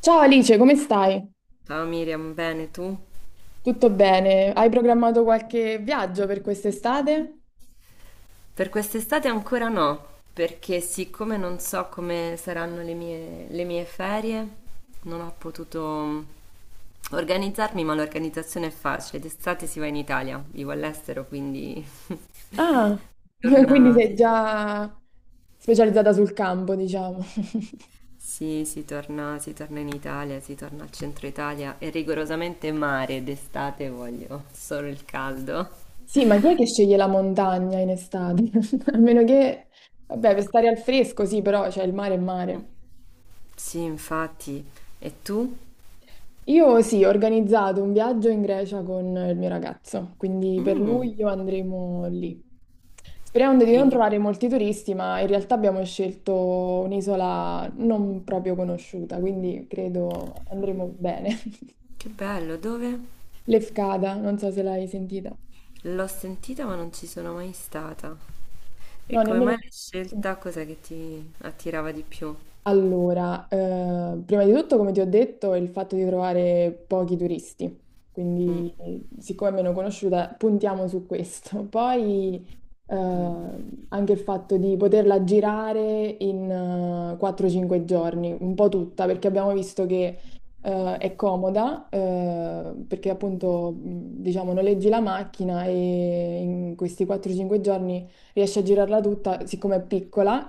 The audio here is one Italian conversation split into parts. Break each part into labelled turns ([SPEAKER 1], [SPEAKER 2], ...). [SPEAKER 1] Ciao Alice, come stai?
[SPEAKER 2] Ciao Miriam, bene tu?
[SPEAKER 1] Tutto bene? Hai programmato qualche viaggio per quest'estate?
[SPEAKER 2] Per quest'estate ancora no, perché siccome non so come saranno le mie ferie, non ho potuto organizzarmi, ma l'organizzazione è facile. D'estate si va in Italia, vivo all'estero, quindi si
[SPEAKER 1] Ah, quindi
[SPEAKER 2] torna,
[SPEAKER 1] sei
[SPEAKER 2] sì,
[SPEAKER 1] già specializzata sul campo, diciamo.
[SPEAKER 2] sì, si torna in Italia, si torna al centro Italia e rigorosamente mare d'estate voglio, solo il caldo.
[SPEAKER 1] Sì, ma chi è che sceglie la montagna in estate? A meno che, vabbè, per stare al fresco, sì, però c'è il mare è
[SPEAKER 2] Mm.
[SPEAKER 1] mare.
[SPEAKER 2] Sì, infatti. E tu?
[SPEAKER 1] Io sì, ho organizzato un viaggio in Grecia con il mio ragazzo, quindi per
[SPEAKER 2] Mm.
[SPEAKER 1] luglio andremo lì. Sperando di
[SPEAKER 2] E
[SPEAKER 1] non
[SPEAKER 2] in-
[SPEAKER 1] trovare molti turisti, ma in realtà abbiamo scelto un'isola non proprio conosciuta, quindi credo andremo bene.
[SPEAKER 2] Che bello, dove?
[SPEAKER 1] Lefkada, non so se l'hai sentita.
[SPEAKER 2] L'ho sentita ma non ci sono mai stata. E
[SPEAKER 1] No,
[SPEAKER 2] come mai
[SPEAKER 1] nemmeno.
[SPEAKER 2] l'hai scelta? Cos'è che ti attirava di più?
[SPEAKER 1] Allora, prima di tutto, come ti ho detto, è il fatto di trovare pochi turisti,
[SPEAKER 2] Mm,
[SPEAKER 1] quindi siccome è meno conosciuta, puntiamo su questo. Poi eh,
[SPEAKER 2] mm,
[SPEAKER 1] anche il fatto di poterla girare in 4-5 giorni, un po' tutta, perché abbiamo visto che è comoda, perché appunto, diciamo, noleggi la macchina e in questi 4-5 giorni riesci a girarla tutta, siccome è piccola,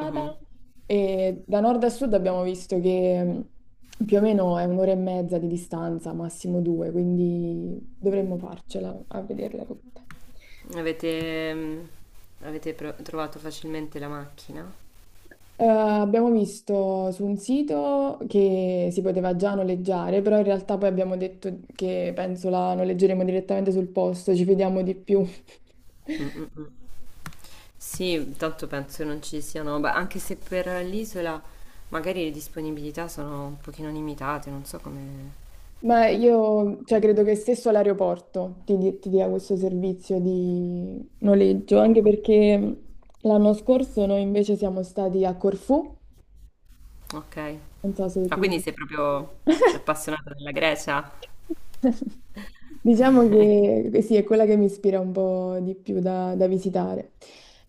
[SPEAKER 2] mhm.
[SPEAKER 1] E da nord a sud abbiamo visto che più o meno è un'ora e mezza di distanza, massimo due, quindi dovremmo farcela a vederle tutte.
[SPEAKER 2] Avete, mm, avete trovato facilmente la macchina?
[SPEAKER 1] Abbiamo visto su un sito che si poteva già noleggiare, però in realtà poi abbiamo detto che penso la noleggeremo direttamente sul posto, ci fidiamo di più.
[SPEAKER 2] Sì, tanto penso non ci siano, beh, anche se per l'isola magari le disponibilità sono un pochino limitate, non so come.
[SPEAKER 1] Ma io, cioè, credo che stesso all'aeroporto ti, ti dia questo servizio di noleggio, anche perché l'anno scorso noi invece siamo stati a Corfù,
[SPEAKER 2] Ok.
[SPEAKER 1] non so se
[SPEAKER 2] Ah,
[SPEAKER 1] tu...
[SPEAKER 2] quindi sei proprio appassionata della Grecia?
[SPEAKER 1] Diciamo che eh sì, è quella che mi ispira un po' di più da, da visitare.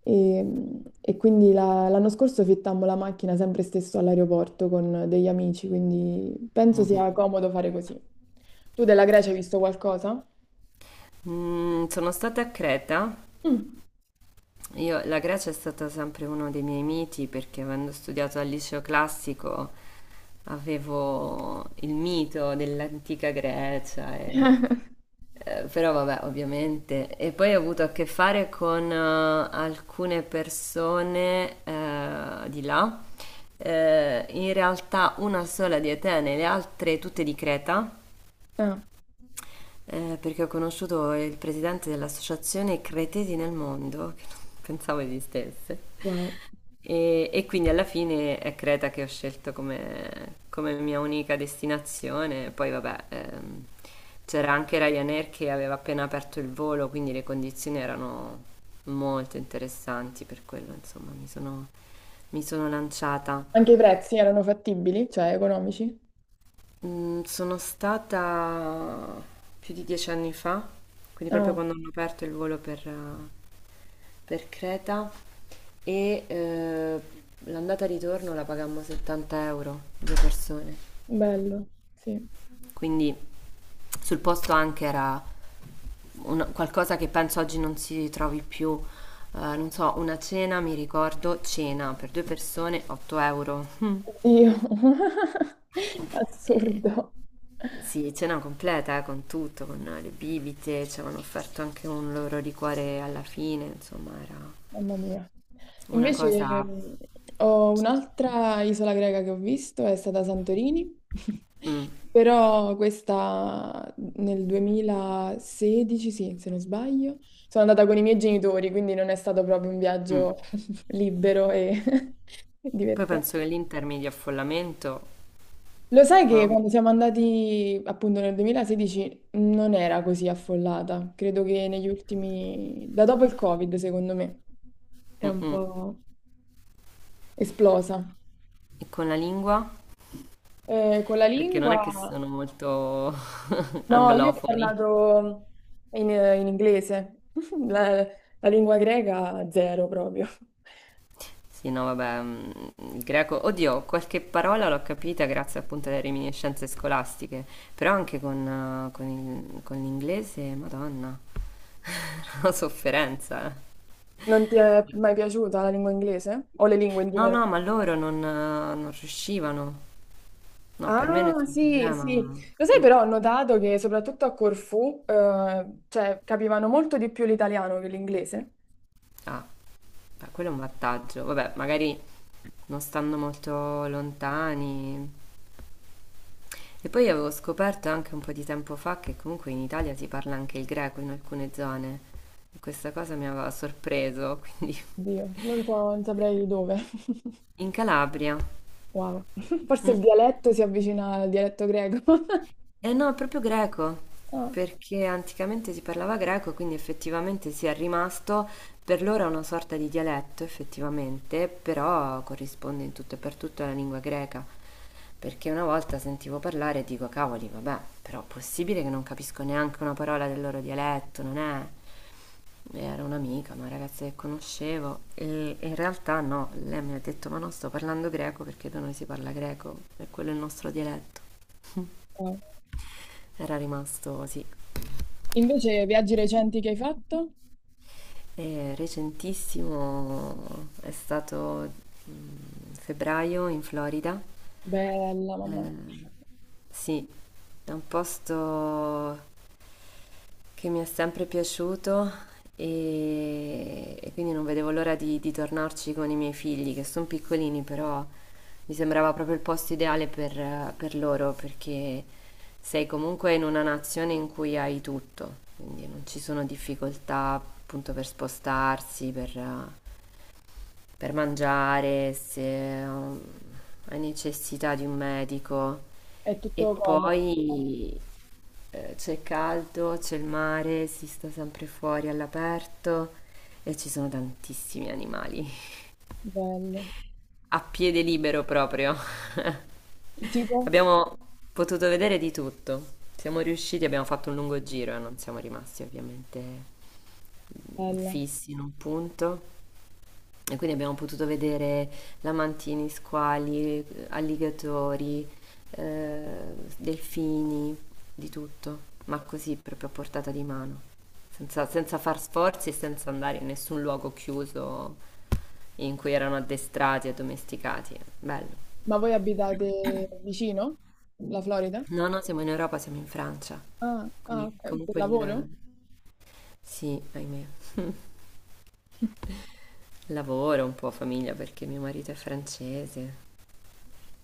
[SPEAKER 1] E, e quindi l'anno scorso fittammo la macchina sempre stesso all'aeroporto con degli amici, quindi penso
[SPEAKER 2] Mhm.
[SPEAKER 1] sia comodo fare così. Tu della Grecia hai visto qualcosa?
[SPEAKER 2] Sono stata a Creta.
[SPEAKER 1] Mm.
[SPEAKER 2] Io, la Grecia è stata sempre uno dei miei miti perché avendo studiato al liceo classico avevo il mito dell'antica Grecia, però vabbè, ovviamente. E poi ho avuto a che fare con alcune persone di là. In realtà una sola di Atene, le altre tutte di Creta.
[SPEAKER 1] Ah,
[SPEAKER 2] Perché ho conosciuto il presidente dell'associazione Cretesi nel Mondo, che non pensavo esistesse.
[SPEAKER 1] wow.
[SPEAKER 2] E quindi alla fine è Creta che ho scelto come mia unica destinazione. Poi vabbè, c'era anche Ryanair che aveva appena aperto il volo, quindi le condizioni erano molto interessanti per quello, insomma, mi sono lanciata.
[SPEAKER 1] Anche i prezzi erano fattibili, cioè economici?
[SPEAKER 2] Sono stata più di 10 anni fa, quindi proprio
[SPEAKER 1] Ah,
[SPEAKER 2] quando hanno aperto il volo per Creta e l'andata e ritorno la pagammo 70 euro, due persone.
[SPEAKER 1] bello, sì.
[SPEAKER 2] Quindi sul posto anche era qualcosa che penso oggi non si trovi più. Non so, una cena, mi ricordo, cena per due persone, 8 euro.
[SPEAKER 1] Oddio, assurdo,
[SPEAKER 2] Sì, cena completa, con tutto, con le bibite, ci avevano offerto anche un loro liquore alla fine, insomma, era
[SPEAKER 1] mamma mia.
[SPEAKER 2] una
[SPEAKER 1] Invece
[SPEAKER 2] cosa.
[SPEAKER 1] ho un'altra isola greca che ho visto, è stata Santorini,
[SPEAKER 2] Mm,
[SPEAKER 1] però questa nel 2016, sì, se non sbaglio, sono andata con i miei genitori, quindi non è stato proprio un
[SPEAKER 2] mm.
[SPEAKER 1] viaggio libero e
[SPEAKER 2] Poi
[SPEAKER 1] divertente.
[SPEAKER 2] penso che l'Inter mi dia affollamento,
[SPEAKER 1] Lo sai che
[SPEAKER 2] no?
[SPEAKER 1] quando siamo andati appunto nel 2016 non era così affollata, credo che negli ultimi, da dopo il Covid secondo me, è
[SPEAKER 2] Mm,
[SPEAKER 1] un
[SPEAKER 2] mm.
[SPEAKER 1] po' esplosa.
[SPEAKER 2] E con la lingua?
[SPEAKER 1] Con la
[SPEAKER 2] Perché non è che
[SPEAKER 1] lingua,
[SPEAKER 2] sono molto
[SPEAKER 1] no, io ho
[SPEAKER 2] anglofoni.
[SPEAKER 1] parlato in inglese, la, la lingua greca zero proprio.
[SPEAKER 2] Sì, no, vabbè, il greco, oddio, qualche parola l'ho capita grazie appunto alle reminiscenze scolastiche, però anche con l'inglese, madonna, una sofferenza.
[SPEAKER 1] Non ti è mai piaciuta la lingua inglese o le lingue in
[SPEAKER 2] No,
[SPEAKER 1] generale?
[SPEAKER 2] no, ma loro non riuscivano. No, per me
[SPEAKER 1] Ah,
[SPEAKER 2] nessun
[SPEAKER 1] sì,
[SPEAKER 2] problema.
[SPEAKER 1] sì. Lo sai,
[SPEAKER 2] Mm.
[SPEAKER 1] però ho notato che soprattutto a Corfù, cioè, capivano molto di più l'italiano che l'inglese.
[SPEAKER 2] Ah, beh, quello è un vantaggio. Vabbè, magari non stando molto lontani. E poi avevo scoperto anche un po' di tempo fa che comunque in Italia si parla anche il greco in alcune zone. E questa cosa mi aveva sorpreso, quindi
[SPEAKER 1] Dio, non so, non saprei di dove.
[SPEAKER 2] in Calabria.
[SPEAKER 1] Wow. Forse
[SPEAKER 2] Mm.
[SPEAKER 1] il dialetto si avvicina al dialetto greco.
[SPEAKER 2] Eh no, è proprio greco,
[SPEAKER 1] Ah,
[SPEAKER 2] perché anticamente si parlava greco, quindi effettivamente si è rimasto per loro è una sorta di dialetto, effettivamente, però corrisponde in tutto e per tutto alla lingua greca. Perché una volta sentivo parlare e dico, cavoli, vabbè, però possibile che non capisco neanche una parola del loro dialetto, non è? E era un'amica, una ragazza che conoscevo, e in realtà no, lei mi ha detto, ma no, sto parlando greco perché da noi si parla greco, e quello è il nostro dialetto.
[SPEAKER 1] wow.
[SPEAKER 2] Era rimasto, sì.
[SPEAKER 1] Invece, viaggi recenti che hai fatto?
[SPEAKER 2] Recentissimo è stato febbraio in Florida.
[SPEAKER 1] Bella, mamma mia.
[SPEAKER 2] Eh, sì, è un posto che mi è sempre piaciuto e quindi non vedevo l'ora di tornarci con i miei figli, che sono piccolini, però mi sembrava proprio il posto ideale per loro, perché sei comunque in una nazione in cui hai tutto, quindi non ci sono difficoltà appunto per spostarsi, per mangiare, se um, hai necessità di un medico.
[SPEAKER 1] È
[SPEAKER 2] E
[SPEAKER 1] tutto comodo.
[SPEAKER 2] poi c'è caldo, c'è il mare, si sta sempre fuori all'aperto e ci sono tantissimi animali.
[SPEAKER 1] Bello.
[SPEAKER 2] A piede libero proprio.
[SPEAKER 1] Tipo?
[SPEAKER 2] Abbiamo potuto vedere di tutto. Siamo riusciti, abbiamo fatto un lungo giro e non siamo rimasti ovviamente
[SPEAKER 1] Bella.
[SPEAKER 2] fissi in un punto. E quindi abbiamo potuto vedere lamantini, squali, alligatori, delfini, di tutto, ma così proprio a portata di mano, senza far sforzi e senza andare in nessun luogo chiuso in cui erano addestrati e domesticati. Bello.
[SPEAKER 1] Ma voi abitate vicino? La Florida?
[SPEAKER 2] No, no, siamo in Europa, siamo in Francia.
[SPEAKER 1] Ah, ah,
[SPEAKER 2] Quindi
[SPEAKER 1] ok, per
[SPEAKER 2] comunque il.
[SPEAKER 1] lavoro?
[SPEAKER 2] Sì, ahimè. Lavoro un po', famiglia, perché mio marito è francese.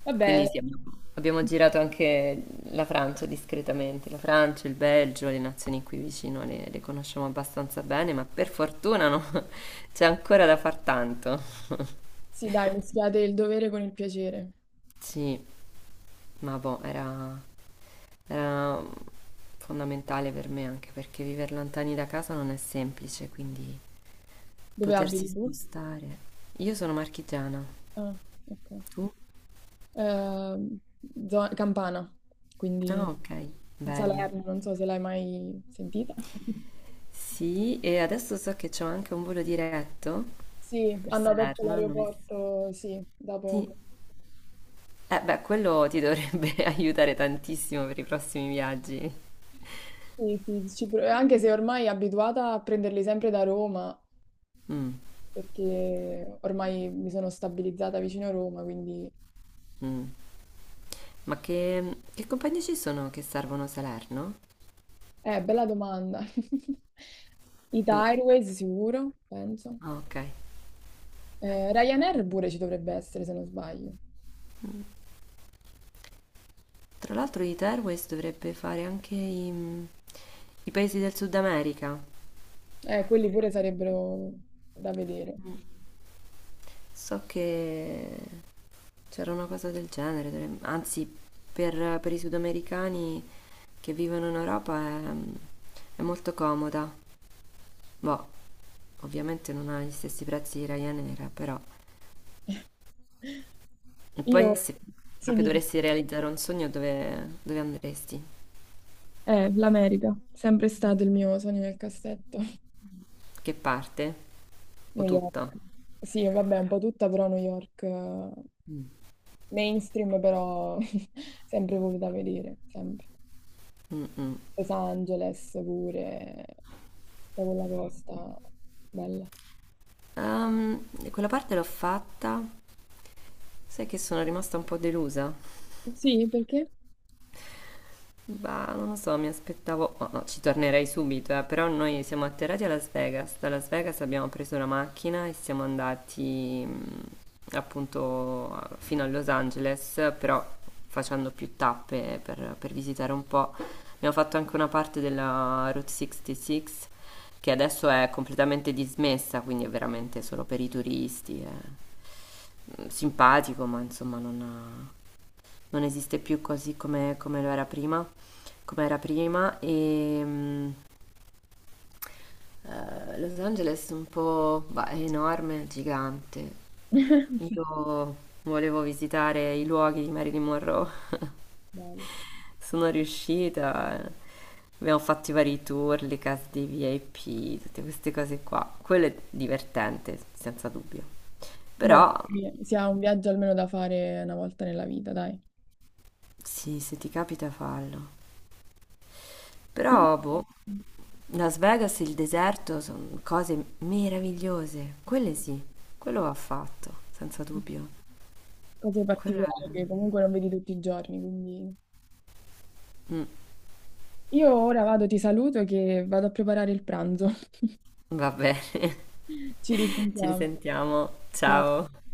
[SPEAKER 1] Vabbè.
[SPEAKER 2] Quindi sì, abbiamo girato anche la Francia discretamente, la Francia, il Belgio, le nazioni qui vicino le conosciamo abbastanza bene, ma per fortuna no, c'è ancora da far tanto.
[SPEAKER 1] Sì, dai, mischiate il dovere con il piacere.
[SPEAKER 2] Sì, ma boh, era fondamentale per me anche perché vivere lontani da casa non è semplice, quindi
[SPEAKER 1] Dove
[SPEAKER 2] potersi
[SPEAKER 1] abiti tu?
[SPEAKER 2] spostare. Io sono marchigiana,
[SPEAKER 1] Ah, ok.
[SPEAKER 2] tu?
[SPEAKER 1] Ehm, Campana,
[SPEAKER 2] Ah,
[SPEAKER 1] quindi
[SPEAKER 2] ok, bello.
[SPEAKER 1] Salerno, non so se l'hai mai sentita.
[SPEAKER 2] Sì, e adesso so che c'ho anche un volo diretto
[SPEAKER 1] Sì,
[SPEAKER 2] per
[SPEAKER 1] hanno aperto
[SPEAKER 2] Salerno, non mi.
[SPEAKER 1] l'aeroporto, sì, da
[SPEAKER 2] Sì.
[SPEAKER 1] poco.
[SPEAKER 2] Eh beh, quello ti dovrebbe aiutare tantissimo per i prossimi viaggi.
[SPEAKER 1] Sì, sì, anche se ormai abituata a prenderli sempre da Roma,
[SPEAKER 2] Mm,
[SPEAKER 1] perché ormai mi sono stabilizzata vicino a Roma, quindi...
[SPEAKER 2] mm. Ma che compagnie ci sono che servono Salerno?
[SPEAKER 1] Bella domanda. Ita
[SPEAKER 2] No.
[SPEAKER 1] Airways sicuro, penso.
[SPEAKER 2] Ah, ok.
[SPEAKER 1] Ryanair pure ci dovrebbe essere, se non sbaglio.
[SPEAKER 2] Tra l'altro Ita Airways dovrebbe fare anche i paesi del Sud America.
[SPEAKER 1] Quelli pure sarebbero da vedere.
[SPEAKER 2] So che c'era una cosa del genere, anzi per i sudamericani che vivono in Europa è molto comoda. Boh, ovviamente non ha gli stessi prezzi di Ryanair, però. E
[SPEAKER 1] Io,
[SPEAKER 2] poi se
[SPEAKER 1] sì,
[SPEAKER 2] proprio dovresti realizzare un sogno, dove andresti?
[SPEAKER 1] l'America, sempre stato il mio sogno nel cassetto.
[SPEAKER 2] Che parte? O
[SPEAKER 1] New York.
[SPEAKER 2] tutta?
[SPEAKER 1] Sì, vabbè, un po' tutta, però New York,
[SPEAKER 2] Mm.
[SPEAKER 1] mainstream, però sempre voluta vedere, sempre.
[SPEAKER 2] Mm-mm.
[SPEAKER 1] Los Angeles pure, tutta quella costa, bella.
[SPEAKER 2] Quella parte l'ho fatta, sai che sono rimasta un po' delusa.
[SPEAKER 1] Sì, perché?
[SPEAKER 2] Bah, non lo so, mi aspettavo, no, no, ci tornerei subito, però noi siamo atterrati a Las Vegas. Da Las Vegas abbiamo preso la macchina e siamo andati appunto fino a Los Angeles, però facendo più tappe per visitare un po'. Abbiamo fatto anche una parte della Route 66 che adesso è completamente dismessa, quindi è veramente solo per i turisti. Simpatico, ma insomma non esiste più così come lo era prima, come era prima e Los Angeles è un po', bah, è enorme, gigante. Io volevo visitare i luoghi di Marilyn Monroe,
[SPEAKER 1] Bello.
[SPEAKER 2] sono riuscita. Abbiamo fatto i vari tour, le case dei VIP, tutte queste cose qua. Quello è divertente, senza dubbio.
[SPEAKER 1] Vabbè,
[SPEAKER 2] Però,
[SPEAKER 1] perché si ha un viaggio almeno da fare una volta nella vita, dai.
[SPEAKER 2] sì, se ti capita fallo.
[SPEAKER 1] Io-
[SPEAKER 2] Però, boh, Las Vegas e il deserto sono cose meravigliose. Quelle sì, quello va fatto, senza dubbio.
[SPEAKER 1] Cose
[SPEAKER 2] Quello
[SPEAKER 1] particolari
[SPEAKER 2] è.
[SPEAKER 1] che comunque non vedi tutti i giorni, quindi...
[SPEAKER 2] Mm,
[SPEAKER 1] Io ora vado, ti saluto che vado a preparare il pranzo.
[SPEAKER 2] va bene.
[SPEAKER 1] Ci
[SPEAKER 2] Ci
[SPEAKER 1] risentiamo.
[SPEAKER 2] risentiamo.
[SPEAKER 1] Ciao.
[SPEAKER 2] Ciao.